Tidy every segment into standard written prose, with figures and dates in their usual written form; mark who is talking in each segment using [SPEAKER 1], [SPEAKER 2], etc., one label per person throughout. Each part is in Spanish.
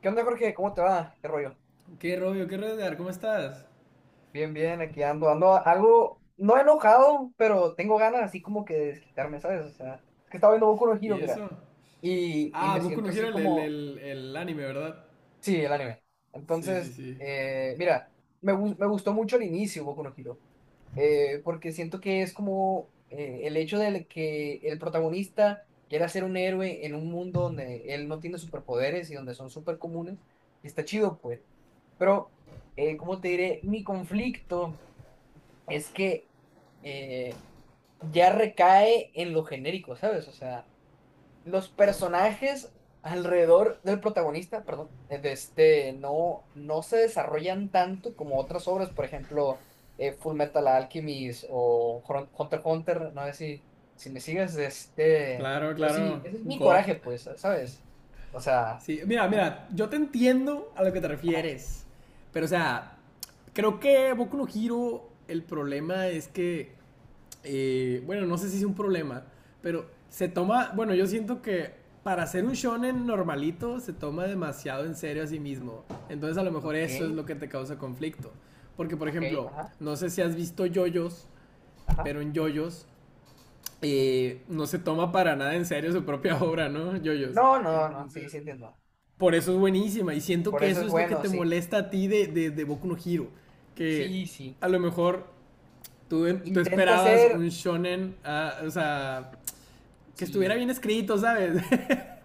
[SPEAKER 1] ¿Qué onda, Jorge? ¿Cómo te va? ¿Qué rollo?
[SPEAKER 2] ¿Qué rollo? ¿Qué rollo, Edgar? ¿Cómo estás?
[SPEAKER 1] Bien, bien, aquí ando, ando algo, no enojado, pero tengo ganas así como que de desquitarme, ¿sabes? O sea, es que estaba viendo Boku no Hero,
[SPEAKER 2] ¿Y
[SPEAKER 1] mira,
[SPEAKER 2] eso?
[SPEAKER 1] y
[SPEAKER 2] Ah,
[SPEAKER 1] me
[SPEAKER 2] Boku no
[SPEAKER 1] siento
[SPEAKER 2] Hero,
[SPEAKER 1] así
[SPEAKER 2] el, el,
[SPEAKER 1] como,
[SPEAKER 2] el, el anime, ¿verdad?
[SPEAKER 1] sí, el anime.
[SPEAKER 2] Sí, sí,
[SPEAKER 1] Entonces,
[SPEAKER 2] sí.
[SPEAKER 1] mira, me gustó mucho el inicio Boku no Hero, porque siento que es como el hecho de que el protagonista quiera ser un héroe en un mundo donde él no tiene superpoderes y donde son súper comunes, y está chido, pues. Pero, ¿cómo te diré? Mi conflicto es que eh, ya recae en lo genérico, ¿sabes? O sea, los personajes alrededor del protagonista, perdón, no se desarrollan tanto como otras obras, por ejemplo, Full Metal Alchemist o Hunter x Hunter, no sé si, si me sigues, de este,
[SPEAKER 2] Claro,
[SPEAKER 1] pero sí,
[SPEAKER 2] claro.
[SPEAKER 1] ese es mi
[SPEAKER 2] God.
[SPEAKER 1] coraje, pues, ¿sabes? O sea,
[SPEAKER 2] Sí, mira,
[SPEAKER 1] sí,
[SPEAKER 2] mira, yo te entiendo a lo que te
[SPEAKER 1] ajá,
[SPEAKER 2] refieres. Pero, o sea, creo que Boku no Hero, el problema es que, bueno, no sé si es un problema, pero se toma, bueno, yo siento que para ser un shonen normalito se toma demasiado en serio a sí mismo. Entonces, a lo mejor
[SPEAKER 1] ok,
[SPEAKER 2] eso es lo que te causa conflicto. Porque, por
[SPEAKER 1] ok,
[SPEAKER 2] ejemplo,
[SPEAKER 1] ajá,
[SPEAKER 2] no sé si has visto Jojos,
[SPEAKER 1] ajá.
[SPEAKER 2] pero en Jojos no se toma para nada en serio su propia obra, ¿no? Jojos.
[SPEAKER 1] No, no, no,
[SPEAKER 2] Entonces,
[SPEAKER 1] sí, sí entiendo.
[SPEAKER 2] por eso es buenísima. Y siento
[SPEAKER 1] Por
[SPEAKER 2] que
[SPEAKER 1] eso es
[SPEAKER 2] eso es lo que
[SPEAKER 1] bueno,
[SPEAKER 2] te
[SPEAKER 1] sí.
[SPEAKER 2] molesta a ti de, de Boku no Hero. Que
[SPEAKER 1] Sí, sí.
[SPEAKER 2] a lo mejor tú, tú
[SPEAKER 1] Intenta
[SPEAKER 2] esperabas un
[SPEAKER 1] ser,
[SPEAKER 2] shonen, ah, o sea, que estuviera
[SPEAKER 1] sí.
[SPEAKER 2] bien escrito, ¿sabes?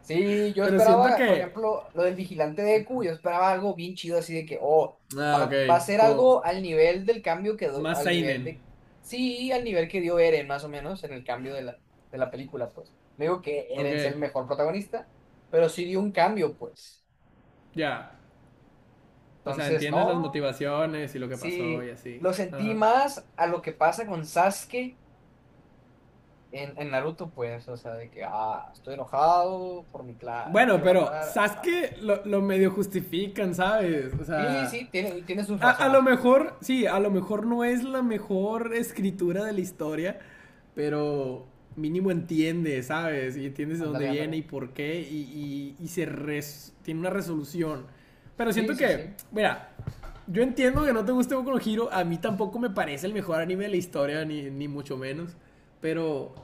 [SPEAKER 1] Sí, yo
[SPEAKER 2] Pero siento
[SPEAKER 1] esperaba, por
[SPEAKER 2] que...
[SPEAKER 1] ejemplo, lo del vigilante de E Q, yo esperaba algo bien chido así de que, oh,
[SPEAKER 2] Ah, ok.
[SPEAKER 1] va a ser
[SPEAKER 2] Como
[SPEAKER 1] algo al nivel del cambio que,
[SPEAKER 2] más
[SPEAKER 1] al nivel
[SPEAKER 2] seinen.
[SPEAKER 1] de, sí, al nivel que dio Eren, más o menos, en el cambio de la película, pues. No digo que
[SPEAKER 2] Ok,
[SPEAKER 1] Eren sea
[SPEAKER 2] ya.
[SPEAKER 1] el mejor protagonista, pero sí dio un cambio, pues.
[SPEAKER 2] Yeah. O sea,
[SPEAKER 1] Entonces,
[SPEAKER 2] entiendes las
[SPEAKER 1] no,
[SPEAKER 2] motivaciones y lo que pasó y
[SPEAKER 1] sí,
[SPEAKER 2] así.
[SPEAKER 1] lo sentí
[SPEAKER 2] Ajá.
[SPEAKER 1] más a lo que pasa con Sasuke En Naruto, pues, o sea, de que, ah, estoy enojado por mi clan,
[SPEAKER 2] Bueno,
[SPEAKER 1] quiero
[SPEAKER 2] pero
[SPEAKER 1] matar, hermano.
[SPEAKER 2] Sasuke lo medio justifican, ¿sabes? O
[SPEAKER 1] Sí,
[SPEAKER 2] sea,
[SPEAKER 1] sí, tiene, tiene sus
[SPEAKER 2] A lo
[SPEAKER 1] razones, pues.
[SPEAKER 2] mejor, sí, a lo mejor no es la mejor escritura de la historia, pero mínimo entiende, ¿sabes? Y entiendes de dónde
[SPEAKER 1] Ándale,
[SPEAKER 2] viene
[SPEAKER 1] ándale.
[SPEAKER 2] y por qué, y se res- tiene una resolución. Pero
[SPEAKER 1] Sí,
[SPEAKER 2] siento
[SPEAKER 1] sí,
[SPEAKER 2] que,
[SPEAKER 1] sí.
[SPEAKER 2] mira, yo entiendo que no te guste Boku no Hero, a mí tampoco me parece el mejor anime de la historia, ni, ni mucho menos, pero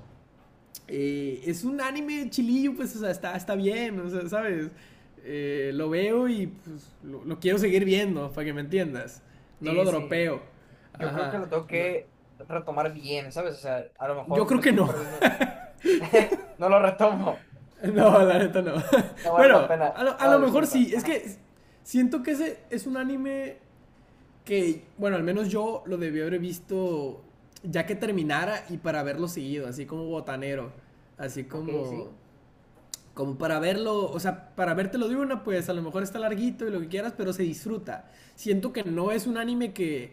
[SPEAKER 2] es un anime chilillo, pues, o sea, está, está bien, o sea, ¿sabes? Lo veo y pues, lo, quiero seguir viendo, para que me entiendas. No lo
[SPEAKER 1] Sí, sí.
[SPEAKER 2] dropeo.
[SPEAKER 1] Yo creo que
[SPEAKER 2] Ajá.
[SPEAKER 1] lo tengo
[SPEAKER 2] No.
[SPEAKER 1] que retomar bien, ¿sabes? O sea, a lo
[SPEAKER 2] Yo
[SPEAKER 1] mejor
[SPEAKER 2] creo
[SPEAKER 1] me
[SPEAKER 2] que
[SPEAKER 1] estoy
[SPEAKER 2] no.
[SPEAKER 1] perdiendo. No lo retomo.
[SPEAKER 2] No, la neta no.
[SPEAKER 1] No vale la
[SPEAKER 2] Bueno,
[SPEAKER 1] pena.
[SPEAKER 2] a
[SPEAKER 1] Ah,
[SPEAKER 2] lo mejor
[SPEAKER 1] disculpa.
[SPEAKER 2] sí. Es
[SPEAKER 1] Ajá.
[SPEAKER 2] que siento que ese es un anime que, bueno, al menos yo lo debí haber visto ya que terminara y para haberlo seguido, así como botanero. Así
[SPEAKER 1] Ok,
[SPEAKER 2] como
[SPEAKER 1] sí.
[SPEAKER 2] como para verlo, o sea, para vértelo de una, pues a lo mejor está larguito y lo que quieras, pero se disfruta. Siento que no es un anime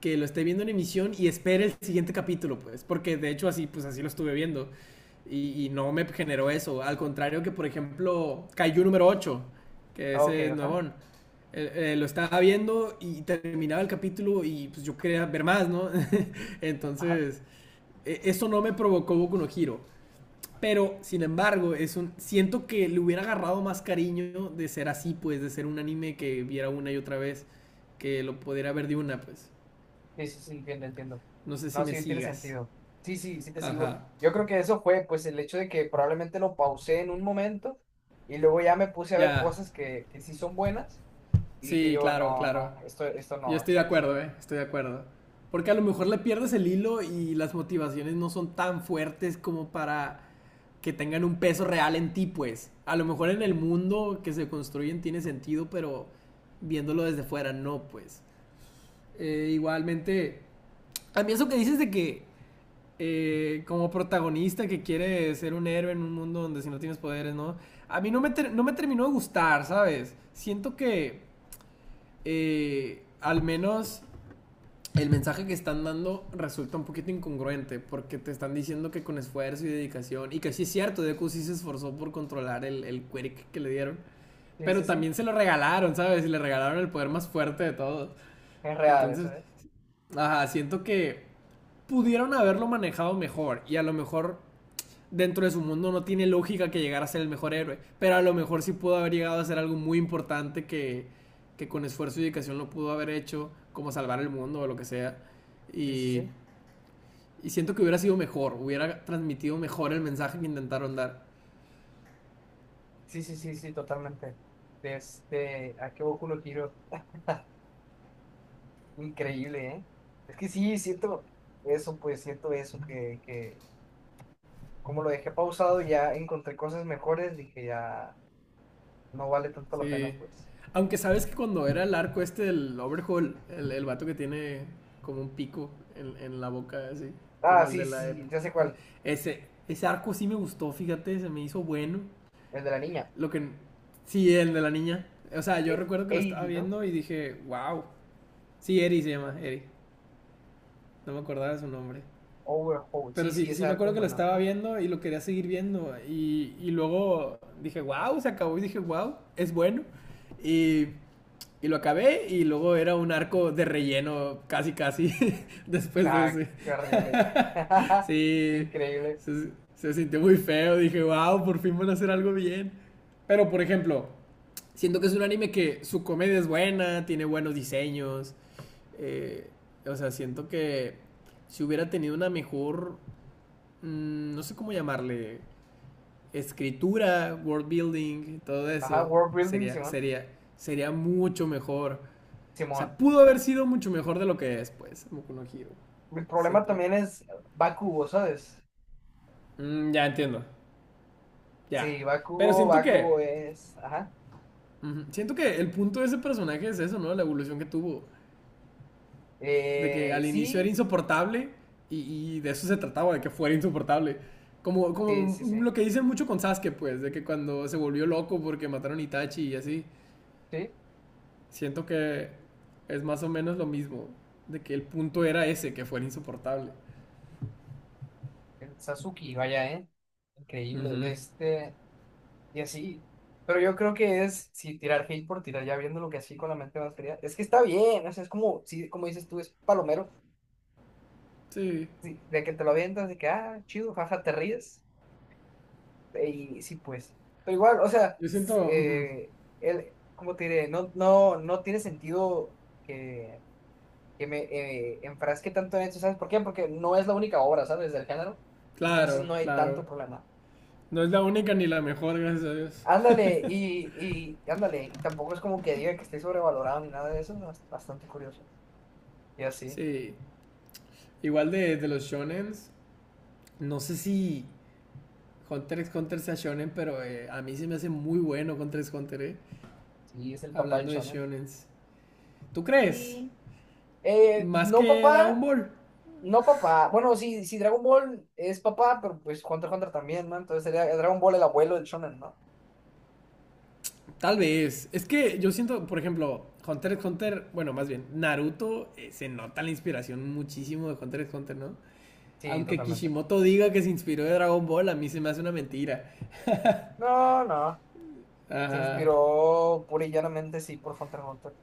[SPEAKER 2] que lo esté viendo en emisión y espere el siguiente capítulo, pues, porque de hecho así, pues así lo estuve viendo y no me generó eso. Al contrario que, por ejemplo, Kaiju número ocho, que
[SPEAKER 1] Ok,
[SPEAKER 2] ese es
[SPEAKER 1] ajá.
[SPEAKER 2] nuevón. Lo estaba viendo y terminaba el capítulo y pues yo quería ver más, ¿no?
[SPEAKER 1] Ajá.
[SPEAKER 2] Entonces, e- eso no me provocó Boku no Hero. Pero, sin embargo, es un. Siento que le hubiera agarrado más cariño de ser así, pues, de ser un anime que viera una y otra vez, que lo pudiera ver de una, pues.
[SPEAKER 1] Sí, sí, sí, entiendo, entiendo.
[SPEAKER 2] No sé si
[SPEAKER 1] No,
[SPEAKER 2] me
[SPEAKER 1] sí, tiene
[SPEAKER 2] sigas.
[SPEAKER 1] sentido. Sí, sí, sí te sigo.
[SPEAKER 2] Ajá.
[SPEAKER 1] Yo creo que eso fue, pues, el hecho de que probablemente lo pausé en un momento y luego ya me puse a ver
[SPEAKER 2] Ya.
[SPEAKER 1] cosas que sí son buenas y dije
[SPEAKER 2] Sí,
[SPEAKER 1] yo,
[SPEAKER 2] claro,
[SPEAKER 1] no,
[SPEAKER 2] claro.
[SPEAKER 1] no, esto
[SPEAKER 2] Yo
[SPEAKER 1] no,
[SPEAKER 2] estoy de
[SPEAKER 1] ¿sabes?
[SPEAKER 2] acuerdo, eh. Estoy de acuerdo. Porque a lo mejor le pierdes el hilo y las motivaciones no son tan fuertes como para que tengan un peso real en ti, pues. A lo mejor en el mundo que se construyen tiene sentido, pero viéndolo desde fuera no, pues. Igualmente, a mí eso que dices de que como protagonista que quiere ser un héroe en un mundo donde si no tienes poderes, ¿no? A mí no me, ter- no me terminó de gustar, ¿sabes? Siento que al menos el mensaje que están dando resulta un poquito incongruente porque te están diciendo que con esfuerzo y dedicación, y que sí es cierto, Deku sí se esforzó por controlar el quirk que le dieron,
[SPEAKER 1] Sí,
[SPEAKER 2] pero
[SPEAKER 1] sí, sí,
[SPEAKER 2] también se lo regalaron, ¿sabes? Y le regalaron el poder más fuerte de todos.
[SPEAKER 1] es real
[SPEAKER 2] Entonces,
[SPEAKER 1] eso, ¿eh?
[SPEAKER 2] ajá, siento que pudieron haberlo manejado mejor y a lo mejor dentro de su mundo no tiene lógica que llegara a ser el mejor héroe, pero a lo mejor sí pudo haber llegado a ser algo muy importante que con esfuerzo y dedicación lo pudo haber hecho, como salvar el mundo o lo que sea.
[SPEAKER 1] Sí, sí,
[SPEAKER 2] Y,
[SPEAKER 1] sí,
[SPEAKER 2] y siento que hubiera sido mejor, hubiera transmitido mejor el mensaje que intentaron dar.
[SPEAKER 1] sí, sí, sí, sí, totalmente. Este, ¿a qué Boku no Hero? Increíble, ¿eh? Es que sí, siento eso, pues, siento eso, que como lo dejé pausado, ya encontré cosas mejores, dije ya, no vale tanto la pena,
[SPEAKER 2] Sí.
[SPEAKER 1] pues.
[SPEAKER 2] Aunque sabes que cuando era el arco este del Overhaul, el vato que tiene como un pico en la boca, así,
[SPEAKER 1] Ah,
[SPEAKER 2] como el de
[SPEAKER 1] sí,
[SPEAKER 2] la ep-
[SPEAKER 1] sí, ya sé cuál.
[SPEAKER 2] Ese, ese arco sí me gustó, fíjate, se me hizo bueno.
[SPEAKER 1] El de la niña.
[SPEAKER 2] Lo que. Sí, el de la niña. O sea, yo recuerdo que lo
[SPEAKER 1] 80,
[SPEAKER 2] estaba
[SPEAKER 1] ¿no?
[SPEAKER 2] viendo y dije, wow. Sí, Eri se llama, Eri. No me acordaba de su nombre.
[SPEAKER 1] Overhaul.
[SPEAKER 2] Pero
[SPEAKER 1] Sí,
[SPEAKER 2] sí,
[SPEAKER 1] sí, ese
[SPEAKER 2] sí me
[SPEAKER 1] arco es
[SPEAKER 2] acuerdo que lo
[SPEAKER 1] bueno,
[SPEAKER 2] estaba
[SPEAKER 1] ajá.
[SPEAKER 2] viendo y lo quería seguir viendo. Y luego dije, wow, se acabó. Y dije, wow, es bueno. Y, y lo acabé y luego era un arco de relleno, casi, casi, después de
[SPEAKER 1] Ah,
[SPEAKER 2] ese.
[SPEAKER 1] qué horrible.
[SPEAKER 2] Sí,
[SPEAKER 1] Increíble.
[SPEAKER 2] se sintió muy feo. Dije, wow, por fin van a hacer algo bien. Pero, por ejemplo, siento que es un anime que su comedia es buena, tiene buenos diseños. eh, o sea, siento que si hubiera tenido una mejor, no sé cómo llamarle, escritura, world building, todo
[SPEAKER 1] Ajá,
[SPEAKER 2] eso,
[SPEAKER 1] World Building,
[SPEAKER 2] sería,
[SPEAKER 1] Simón.
[SPEAKER 2] sería, sería mucho mejor. O
[SPEAKER 1] Simón.
[SPEAKER 2] sea, pudo haber sido mucho mejor de lo que es, pues, Boku no Hero.
[SPEAKER 1] Mi problema
[SPEAKER 2] Siento yo.
[SPEAKER 1] también es Bakugo, ¿sabes?
[SPEAKER 2] Mm, ya entiendo, ya.
[SPEAKER 1] Sí,
[SPEAKER 2] Pero
[SPEAKER 1] Bakugo,
[SPEAKER 2] siento que,
[SPEAKER 1] Bakugo es. Ajá.
[SPEAKER 2] ujú, siento que el punto de ese personaje es eso, ¿no? La evolución que tuvo. De que al inicio era
[SPEAKER 1] Sí,
[SPEAKER 2] insoportable y de eso se trataba, de que fuera insoportable. Como,
[SPEAKER 1] sí, sí,
[SPEAKER 2] como
[SPEAKER 1] sí.
[SPEAKER 2] lo que dicen mucho con Sasuke, pues, de que cuando se volvió loco porque mataron a Itachi y así,
[SPEAKER 1] Sí,
[SPEAKER 2] siento que es más o menos lo mismo, de que el punto era ese, que fuera insoportable.
[SPEAKER 1] el Sasuke, vaya, ¿eh? Increíble. De
[SPEAKER 2] Ujú.
[SPEAKER 1] este. Y así. Pero yo creo que es, si tirar hate por tirar, ya viendo lo que así con la mente más fría, es que está bien, o sea, es como, sí, como dices tú, es palomero,
[SPEAKER 2] Sí,
[SPEAKER 1] sí, de que te lo avientas, de que, ah, chido, jaja, te ríes, y sí, pues. Pero igual, o sea,
[SPEAKER 2] yo siento, ujú,
[SPEAKER 1] él, cómo te diré, no, no, no tiene sentido que, que me enfrasque tanto en eso, ¿sabes por qué? Porque no es la única obra, ¿sabes? Del género, entonces
[SPEAKER 2] claro,
[SPEAKER 1] no hay
[SPEAKER 2] claro.
[SPEAKER 1] tanto problema.
[SPEAKER 2] No es la única ni la mejor, gracias a Dios.
[SPEAKER 1] Ándale, y ándale, y tampoco es como que diga que esté sobrevalorado ni nada de eso, ¿no? Es bastante curioso. Y así,
[SPEAKER 2] Sí, igual de los shonens, no sé si Hunter x Hunter sea shonen, pero a mí se me hace muy bueno Hunter x Hunter,
[SPEAKER 1] sí, es el papá del
[SPEAKER 2] hablando de
[SPEAKER 1] shonen.
[SPEAKER 2] shonens. ¿Tú crees?
[SPEAKER 1] Sí,
[SPEAKER 2] Más
[SPEAKER 1] no
[SPEAKER 2] que Dragon
[SPEAKER 1] papá,
[SPEAKER 2] Ball.
[SPEAKER 1] no papá, bueno, sí, sí, Dragon Ball es papá, pero pues Hunter x Hunter también, ¿no? Entonces sería Dragon Ball el abuelo del shonen, ¿no?
[SPEAKER 2] Tal vez. Es que yo siento, por ejemplo, Hunter x Hunter, bueno, más bien, Naruto, se nota la inspiración muchísimo de Hunter x Hunter, ¿no?
[SPEAKER 1] Sí,
[SPEAKER 2] Aunque
[SPEAKER 1] totalmente.
[SPEAKER 2] Kishimoto diga que se inspiró de Dragon Ball, a mí se me hace una mentira.
[SPEAKER 1] No, no, se
[SPEAKER 2] Ajá.
[SPEAKER 1] inspiró pura y llanamente, sí, por Hunter x Hunter.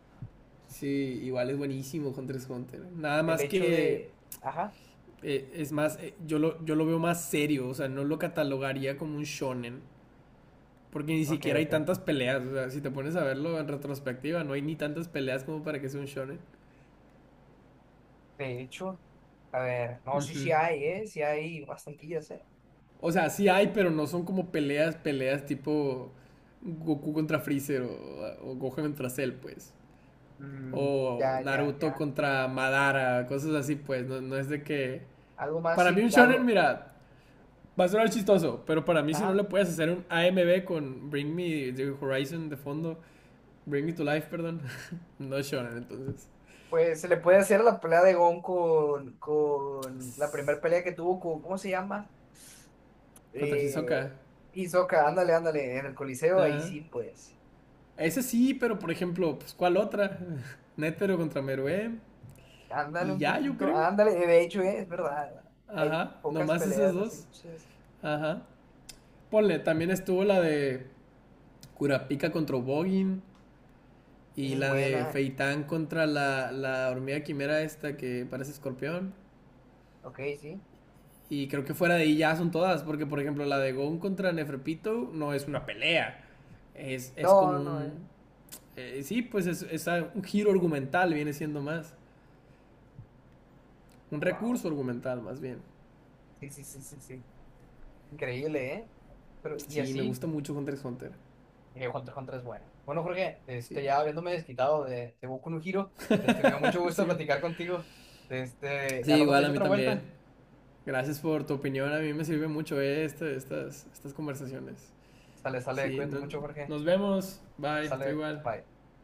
[SPEAKER 2] Sí, igual es buenísimo Hunter x Hunter. Nada
[SPEAKER 1] El
[SPEAKER 2] más
[SPEAKER 1] hecho
[SPEAKER 2] que,
[SPEAKER 1] de, ajá,
[SPEAKER 2] es más, yo lo veo más serio, o sea, no lo catalogaría como un shonen. Porque ni
[SPEAKER 1] ok,
[SPEAKER 2] siquiera hay
[SPEAKER 1] ok,
[SPEAKER 2] tantas
[SPEAKER 1] ok.
[SPEAKER 2] peleas. O sea, si te pones a verlo en retrospectiva, no hay ni tantas peleas como para que sea un shonen.
[SPEAKER 1] De hecho, a ver, no, sí, sí
[SPEAKER 2] Ujú.
[SPEAKER 1] hay, ¿eh? Sí hay bastantillas, ¿eh?
[SPEAKER 2] O sea, sí hay, pero no son como peleas, peleas tipo Goku contra Freezer o Gohan contra Cell, pues.
[SPEAKER 1] Mm, ya,
[SPEAKER 2] O
[SPEAKER 1] ya,
[SPEAKER 2] Naruto
[SPEAKER 1] ya.
[SPEAKER 2] contra Madara, cosas así, pues. No, no es de que.
[SPEAKER 1] Algo más
[SPEAKER 2] Para mí,
[SPEAKER 1] y
[SPEAKER 2] un shonen,
[SPEAKER 1] algo.
[SPEAKER 2] mira, va a sonar
[SPEAKER 1] Ah,
[SPEAKER 2] chistoso, pero para mí, si no le
[SPEAKER 1] nada.
[SPEAKER 2] puedes hacer un AMB con Bring Me the Horizon de fondo, Bring Me to Life, perdón, no es shonen, entonces.
[SPEAKER 1] Pues se le puede hacer a la pelea de Gon con la primera pelea que tuvo con, ¿cómo se llama?
[SPEAKER 2] Contra
[SPEAKER 1] Eh,
[SPEAKER 2] Hisoka.
[SPEAKER 1] Hisoka, ándale, ándale, en el Coliseo, ahí
[SPEAKER 2] Ah,
[SPEAKER 1] sí, pues.
[SPEAKER 2] ese sí, pero por ejemplo, pues ¿cuál otra? Netero contra Meruem.
[SPEAKER 1] Ándale
[SPEAKER 2] Y
[SPEAKER 1] un
[SPEAKER 2] ya, yo
[SPEAKER 1] poquito,
[SPEAKER 2] creo.
[SPEAKER 1] ándale, de hecho, es verdad, hay
[SPEAKER 2] Ajá,
[SPEAKER 1] pocas
[SPEAKER 2] nomás esas
[SPEAKER 1] peleas así,
[SPEAKER 2] dos.
[SPEAKER 1] chas.
[SPEAKER 2] Ajá. Ponle, también estuvo la de Kurapika contra Bogin.
[SPEAKER 1] Esa
[SPEAKER 2] Y
[SPEAKER 1] es
[SPEAKER 2] la de
[SPEAKER 1] buena.
[SPEAKER 2] Feitán contra la, la hormiga quimera esta que parece escorpión.
[SPEAKER 1] Ok, sí.
[SPEAKER 2] Y creo que fuera de ahí ya son todas. Porque, por ejemplo, la de Gon contra Neferpito no es una pelea. Es
[SPEAKER 1] No,
[SPEAKER 2] como
[SPEAKER 1] no, eh.
[SPEAKER 2] un. Sí, pues es un giro argumental, viene siendo más. Un
[SPEAKER 1] Wow.
[SPEAKER 2] recurso argumental, más bien.
[SPEAKER 1] Sí, sí, sí, sí, sí. Increíble, ¿eh? Pero, y
[SPEAKER 2] Sí, me
[SPEAKER 1] así.
[SPEAKER 2] gusta mucho Hunter x Hunter.
[SPEAKER 1] Y Hunter x Hunter es bueno. Bueno, Jorge, este,
[SPEAKER 2] Sí.
[SPEAKER 1] ya habiéndome desquitado de Boku no Hero, este, me dio mucho gusto
[SPEAKER 2] Sí.
[SPEAKER 1] platicar contigo. Este,
[SPEAKER 2] Sí,
[SPEAKER 1] al rato te
[SPEAKER 2] igual a
[SPEAKER 1] echo
[SPEAKER 2] mí
[SPEAKER 1] otra
[SPEAKER 2] también.
[SPEAKER 1] vuelta.
[SPEAKER 2] Gracias por tu opinión. A mí me sirve mucho estas, estas conversaciones.
[SPEAKER 1] Sale, sale,
[SPEAKER 2] Sí,
[SPEAKER 1] cuídate
[SPEAKER 2] no-
[SPEAKER 1] mucho, Jorge.
[SPEAKER 2] nos vemos. Bye. Estoy
[SPEAKER 1] Sale,
[SPEAKER 2] igual.
[SPEAKER 1] bye.